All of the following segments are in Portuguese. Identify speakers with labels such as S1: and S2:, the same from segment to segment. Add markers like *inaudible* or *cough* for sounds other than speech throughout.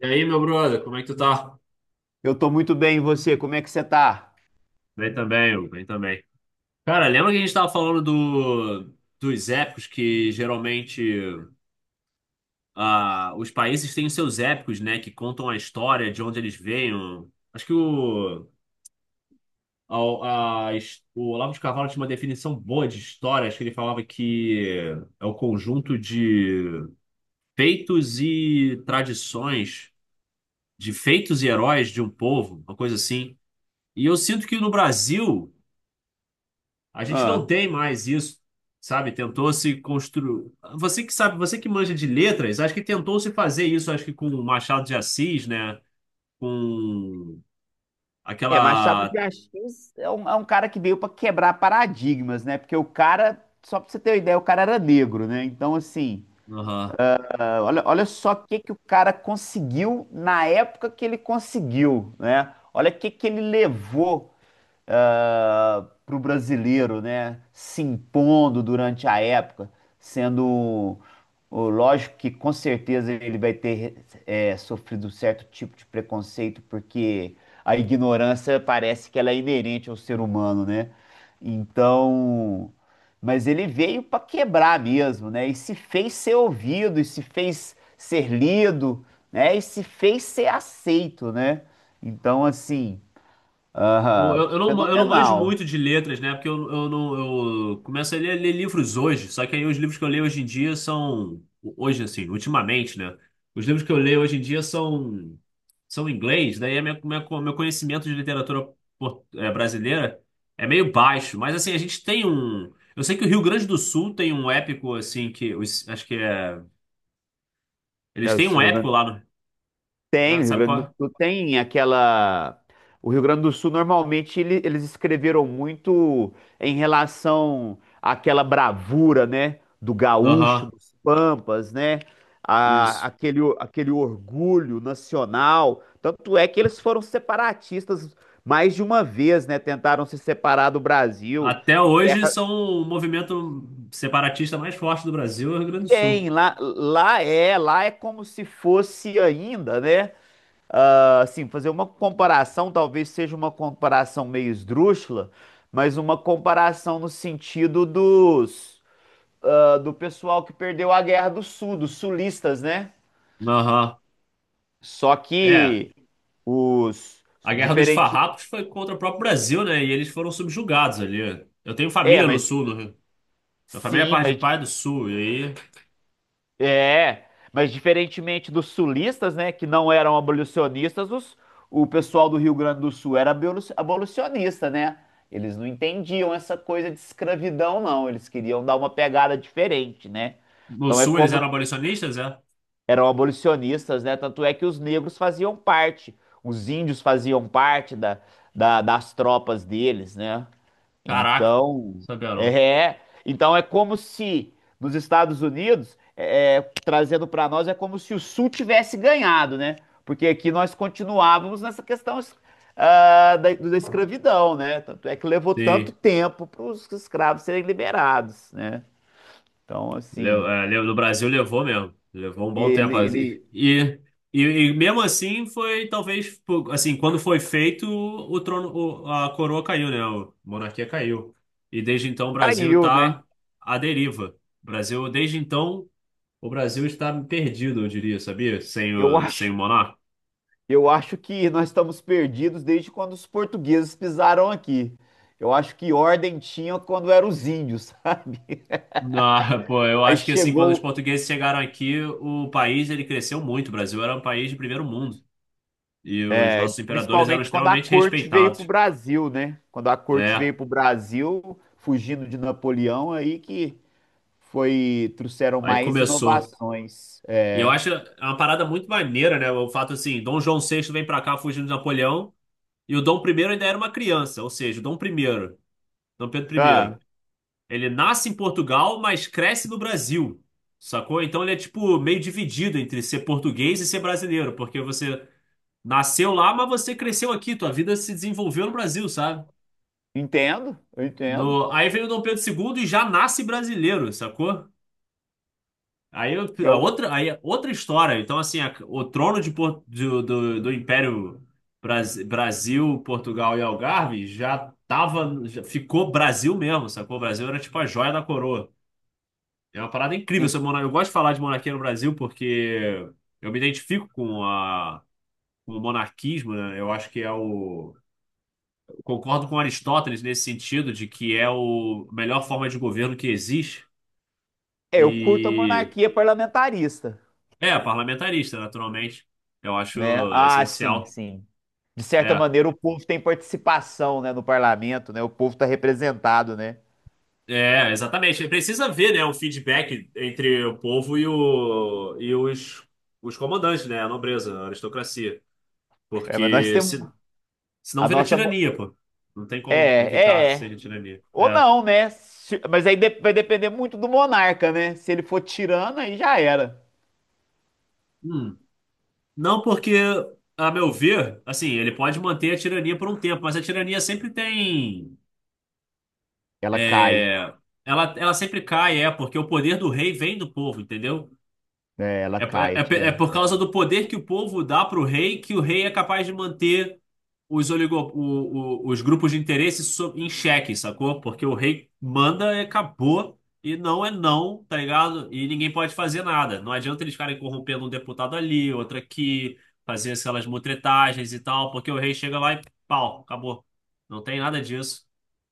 S1: E aí, meu brother, como é que tu tá?
S2: Eu tô muito bem, e você? Como é que você tá?
S1: Bem também, Hugo, bem também. Cara, lembra que a gente tava falando dos épicos que geralmente os países têm os seus épicos, né? Que contam a história, de onde eles veem. Acho que o, a his- o Olavo de Carvalho tinha uma definição boa de história. Acho que ele falava que é o conjunto de feitos e tradições, de feitos e heróis de um povo, uma coisa assim. E eu sinto que no Brasil, a gente não
S2: Ah.
S1: tem mais isso, sabe? Tentou se construir. Você que sabe, você que manja de letras, acho que tentou se fazer isso, acho que com o Machado de Assis, né? Com
S2: É, Machado
S1: aquela.
S2: de Assis é um cara que veio pra quebrar paradigmas, né? Porque o cara, só pra você ter uma ideia, o cara era negro, né? Então, assim,
S1: Aham.
S2: olha, olha só o que que o cara conseguiu na época que ele conseguiu, né? Olha o que que ele levou para o brasileiro, né? Se impondo durante a época, sendo lógico que com certeza ele vai ter sofrido certo tipo de preconceito, porque a ignorância parece que ela é inerente ao ser humano, né? Então, mas ele veio para quebrar mesmo, né? E se fez ser ouvido, e se fez ser lido, né? E se fez ser aceito, né? Então, assim.
S1: Eu,
S2: Aham,
S1: eu não, eu não manjo
S2: fenomenal.
S1: muito de letras, né? Porque eu não eu começo a ler livros hoje, só que aí os livros que eu leio hoje em dia são. Hoje, assim, ultimamente, né? Os livros que eu leio hoje em dia são em inglês, daí a meu conhecimento de literatura brasileira é meio baixo, mas assim, a gente tem um. Eu sei que o Rio Grande do Sul tem um épico, assim, que, acho que é. Eles
S2: né,
S1: têm
S2: os
S1: um
S2: Rio
S1: épico
S2: Grande-
S1: lá, no,
S2: Tem,
S1: né?
S2: o Rio
S1: Sabe
S2: Grande
S1: qual
S2: do
S1: é?
S2: Sul tem aquela. O Rio Grande do Sul normalmente eles escreveram muito em relação àquela bravura, né? Do gaúcho,
S1: Aham,
S2: dos pampas, né? a-
S1: isso.
S2: aquele, o- aquele orgulho nacional. Tanto é que eles foram separatistas mais de uma vez, né? Tentaram se separar do Brasil.
S1: Até
S2: Em
S1: hoje
S2: guerra
S1: são o movimento separatista mais forte do Brasil, é o Rio Grande do
S2: tem,
S1: Sul.
S2: lá é como se fosse ainda, né? Ah, assim, fazer uma comparação, talvez seja uma comparação meio esdrúxula, mas uma comparação no sentido dos, do pessoal que perdeu a Guerra do Sul, dos sulistas, né?
S1: Aham.
S2: Só
S1: É.
S2: que os
S1: A Guerra dos
S2: diferente.
S1: Farrapos foi contra o próprio Brasil, né? E eles foram subjugados ali. Eu tenho
S2: É,
S1: família no
S2: mas
S1: sul, no Rio. Minha família é
S2: sim,
S1: parte de
S2: mas.
S1: pai do sul. E aí,
S2: É, mas diferentemente dos sulistas, né, que não eram abolicionistas, o pessoal do Rio Grande do Sul era abolicionista, né? Eles não entendiam essa coisa de escravidão, não. Eles queriam dar uma pegada diferente, né?
S1: no
S2: Então é
S1: sul eles
S2: como
S1: eram abolicionistas, é?
S2: eram abolicionistas, né? Tanto é que os negros faziam parte, os índios faziam parte das tropas deles, né?
S1: Caraca,
S2: Então,
S1: sabia não.
S2: então é como se nos Estados Unidos, trazendo para nós, é como se o Sul tivesse ganhado, né? Porque aqui nós continuávamos nessa questão, da escravidão, né? Tanto é que levou tanto
S1: Sim.
S2: tempo para os escravos serem liberados, né? Então, assim,
S1: No Brasil levou mesmo. Levou um bom
S2: ele,
S1: tempo.
S2: ele
S1: E, e mesmo assim foi, talvez, pô, assim, quando foi feito, o trono, a coroa caiu, né? A monarquia caiu. E desde então o Brasil
S2: caiu, né?
S1: está à deriva. O Brasil, desde então, o Brasil está perdido, eu diria, sabia? Sem
S2: Eu
S1: o, sem
S2: acho,
S1: o monarca.
S2: eu acho que nós estamos perdidos desde quando os portugueses pisaram aqui. Eu acho que ordem tinha quando eram os índios, *laughs* sabe?
S1: Não, *laughs* pô, eu
S2: Aí
S1: acho que assim, quando os
S2: chegou,
S1: portugueses chegaram aqui, o país ele cresceu muito. O Brasil era um país de primeiro mundo. E os nossos imperadores eram
S2: principalmente quando a
S1: extremamente
S2: corte veio para o
S1: respeitados,
S2: Brasil, né? Quando a corte
S1: né?
S2: veio para o Brasil, fugindo de Napoleão, aí que foi trouxeram
S1: Aí
S2: mais
S1: começou.
S2: inovações. É.
S1: E eu acho uma parada muito maneira, né? O fato assim, Dom João VI vem pra cá fugindo de Napoleão e o Dom I ainda era uma criança, ou seja, o Dom I, Dom Pedro
S2: Ah,
S1: I, ele nasce em Portugal, mas cresce no Brasil, sacou? Então ele é tipo meio dividido entre ser português e ser brasileiro, porque você nasceu lá, mas você cresceu aqui, tua vida se desenvolveu no Brasil, sabe?
S2: entendo, eu entendo.
S1: No... Aí vem o Dom Pedro II e já nasce brasileiro, sacou? Aí eu-
S2: Que
S1: a
S2: eu,
S1: outra, aí é outra história. Então, assim, o trono de, Por- do, do, do Império Brasil, Portugal e Algarve já tava, já ficou Brasil mesmo, sacou? O Brasil era tipo a joia da coroa. É uma parada incrível.
S2: é,
S1: Eu gosto de falar de monarquia no Brasil porque eu me identifico com com o monarquismo, né? Eu acho que é o. Eu concordo com Aristóteles nesse sentido de que é o a melhor forma de governo que existe.
S2: eu curto a
S1: E
S2: monarquia parlamentarista,
S1: É, parlamentarista, naturalmente. Eu
S2: né?
S1: acho
S2: Ah, sim,
S1: essencial.
S2: sim. De certa
S1: É,
S2: maneira, o povo tem participação, né, no parlamento, né? O povo está representado, né?
S1: é, exatamente. Precisa ver, né, um feedback entre o povo e os comandantes, né, a nobreza, a aristocracia.
S2: É, mas nós
S1: Porque
S2: temos
S1: se, senão
S2: a
S1: vira
S2: nossa.
S1: tirania, pô. Não tem
S2: É,
S1: como evitar
S2: é, é.
S1: ser tirania.
S2: Ou
S1: É.
S2: não, né? Mas aí vai depender muito do monarca, né? Se ele for tirano, aí já era.
S1: Hum. Não porque, a meu ver, assim, ele pode manter a tirania por um tempo, mas a tirania sempre tem...
S2: Ela cai.
S1: é, ela sempre cai, é, porque o poder do rei vem do povo, entendeu?
S2: É, ela
S1: É,
S2: cai, é
S1: é, é é
S2: tirana.
S1: por causa do poder que o povo dá para o rei que o rei é capaz de manter os, oligo, o- os grupos de interesse em xeque, sacou? Porque o rei manda e acabou, e não é não, tá ligado? E ninguém pode fazer nada. Não adianta eles ficarem corrompendo um deputado ali, outro aqui, fazer aquelas mutretagens e tal, porque o rei chega lá e pau, acabou. Não tem nada disso.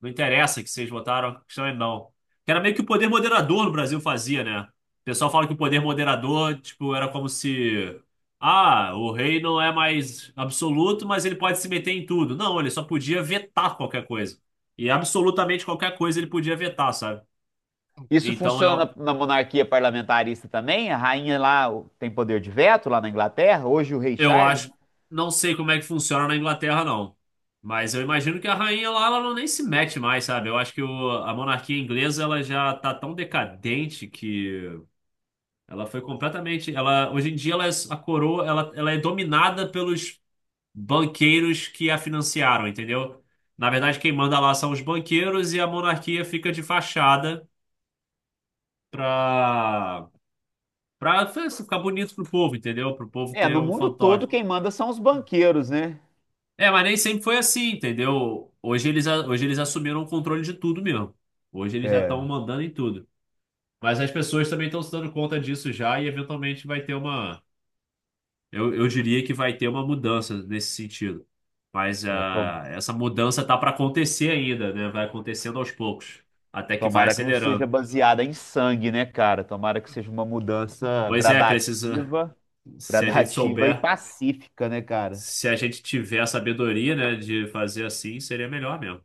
S1: Não interessa que vocês votaram, a questão é não. Que era meio que o poder moderador no Brasil fazia, né? O pessoal fala que o poder moderador, tipo, era como se. Ah, o rei não é mais absoluto, mas ele pode se meter em tudo. Não, ele só podia vetar qualquer coisa. E absolutamente qualquer coisa ele podia vetar, sabe?
S2: Isso
S1: Então
S2: funciona
S1: eu,
S2: na monarquia parlamentarista também? A rainha lá tem poder de veto lá na Inglaterra? Hoje o rei
S1: eu
S2: Charles?
S1: acho.
S2: Né?
S1: Não sei como é que funciona na Inglaterra, não. Mas eu imagino que a rainha lá, ela não nem se mete mais, sabe? Eu acho que a monarquia inglesa, ela já tá tão decadente que. Ela foi completamente. Ela, hoje em dia, ela é, a coroa, ela é dominada pelos banqueiros que a financiaram, entendeu? Na verdade, quem manda lá são os banqueiros e a monarquia fica de fachada pra, pra ficar bonito pro povo, entendeu? Pro povo
S2: É,
S1: ter
S2: no
S1: um
S2: mundo
S1: fantoche.
S2: todo quem manda são os banqueiros, né?
S1: É, mas nem sempre foi assim, entendeu? Hoje eles assumiram o controle de tudo mesmo. Hoje eles já estão
S2: É,
S1: mandando em tudo. Mas as pessoas também estão se dando conta disso já e eventualmente vai ter uma. Eu diria que vai ter uma mudança nesse sentido. Mas
S2: é, to-
S1: essa mudança tá para acontecer ainda, né? Vai acontecendo aos poucos, até que vai
S2: Tomara que não seja
S1: acelerando.
S2: baseada em sangue, né, cara? Tomara que seja uma mudança
S1: Pois é, precisa,
S2: gradativa,
S1: se a gente
S2: gradativa e
S1: souber,
S2: pacífica, né, cara?
S1: se a gente tiver a sabedoria, né, de fazer assim, seria melhor mesmo.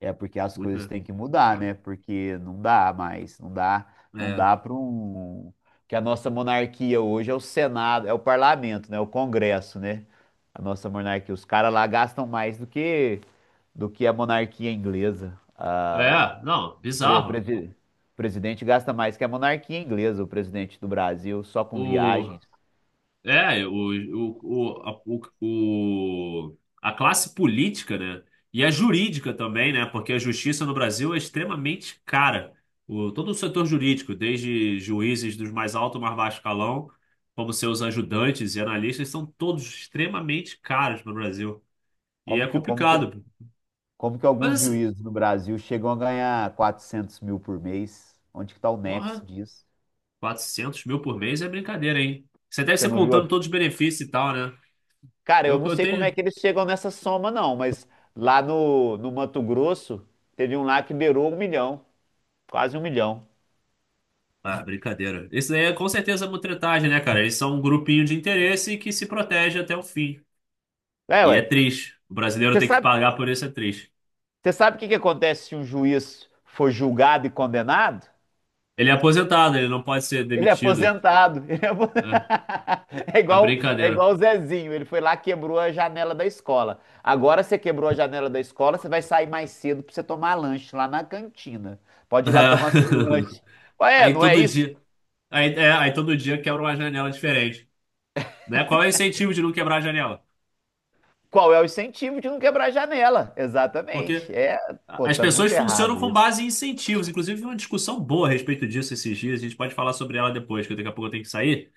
S2: É porque as
S1: Muito
S2: coisas
S1: melhor.
S2: têm que mudar, né? Porque não dá mais, não dá, não dá para um que a nossa monarquia hoje é o Senado, é o parlamento, né? O Congresso, né? A nossa monarquia, os caras lá gastam mais do que a monarquia inglesa.
S1: É.
S2: Ah,
S1: É, não,
S2: pre-
S1: bizarro.
S2: presi- o presidente gasta mais que a monarquia inglesa, o presidente do Brasil, só com
S1: O
S2: viagens.
S1: É, o, a classe política, né? E a jurídica também, né? Porque a justiça no Brasil é extremamente cara. Todo o setor jurídico, desde juízes dos mais alto ao mais baixo escalão, como seus ajudantes e analistas, são todos extremamente caros no Brasil. E é
S2: Como que como que
S1: complicado.
S2: como que alguns
S1: Mas assim,
S2: juízes no Brasil chegam a ganhar 400 mil por mês? Onde que tá o nexo
S1: porra,
S2: disso?
S1: 400 mil por mês é brincadeira, hein? Você deve
S2: Você
S1: ser
S2: não viu,
S1: contando todos os benefícios e tal, né?
S2: cara, eu
S1: Eu,
S2: não
S1: eu
S2: sei como é
S1: tenho.
S2: que eles chegam nessa soma, não, mas lá no Mato Grosso, teve um lá que beirou 1 milhão, quase 1 milhão.
S1: Ah, brincadeira. Isso daí é com certeza mutretagem, né, cara? Eles são um grupinho de interesse que se protege até o fim.
S2: É,
S1: E é
S2: ué.
S1: triste. O brasileiro
S2: Você
S1: tem que
S2: sabe,
S1: pagar por isso, é triste.
S2: você sabe o que que acontece se um juiz for julgado e condenado?
S1: Ele é aposentado, ele não pode ser
S2: Ele é
S1: demitido,
S2: aposentado. *laughs* Ele é,
S1: né?
S2: *laughs*
S1: É,
S2: É
S1: brincadeira.
S2: igual o Zezinho. Ele foi lá, quebrou a janela da escola. Agora você quebrou a janela da escola, você vai sair mais cedo pra você tomar lanche lá na cantina. Pode ir lá tomar seu
S1: É.
S2: lanche.
S1: *laughs*
S2: Ué,
S1: Aí
S2: não é
S1: todo
S2: isso?
S1: dia. Aí todo dia quebra uma janela diferente. Né? Qual é o incentivo de não quebrar a janela?
S2: Qual é o incentivo de não quebrar a janela?
S1: Porque
S2: Exatamente. É, pô,
S1: as
S2: tá
S1: pessoas
S2: muito
S1: funcionam
S2: errado
S1: com
S2: isso.
S1: base em incentivos. Inclusive, uma discussão boa a respeito disso esses dias. A gente pode falar sobre ela depois, que daqui a pouco eu tenho que sair.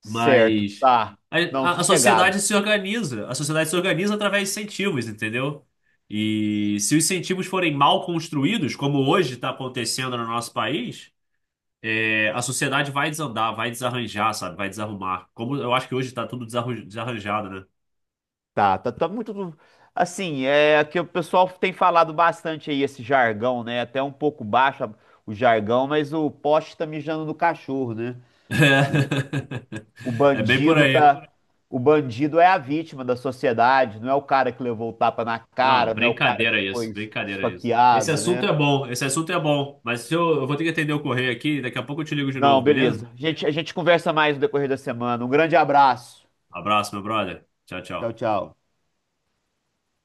S2: Certo,
S1: Mas
S2: tá.
S1: a,
S2: Não,
S1: a sociedade
S2: sossegado.
S1: se organiza. A sociedade se organiza através de incentivos, entendeu? E se os incentivos forem mal construídos, como hoje está acontecendo no nosso país, é, a sociedade vai desandar, vai desarranjar, sabe? Vai desarrumar. Como eu acho que hoje está tudo desarranjado, né?
S2: Tá, tá, tá muito. Assim, é que o pessoal tem falado bastante aí esse jargão, né? Até um pouco baixo o jargão, mas o poste tá mijando no cachorro, né? O,
S1: *laughs*
S2: o
S1: É, bem por
S2: bandido
S1: aí.
S2: tá. O bandido é a vítima da sociedade, não é o cara que levou o tapa na
S1: Não,
S2: cara, não é o cara que
S1: brincadeira isso,
S2: foi
S1: brincadeira isso. Esse
S2: esfaqueado,
S1: assunto
S2: né?
S1: é bom, esse assunto é bom, mas eu vou ter que atender o correio aqui, daqui a pouco eu te ligo de
S2: Não,
S1: novo, beleza?
S2: beleza. A gente conversa mais no decorrer da semana. Um grande abraço.
S1: Abraço, meu brother. Tchau,
S2: Tchau,
S1: tchau.
S2: tchau.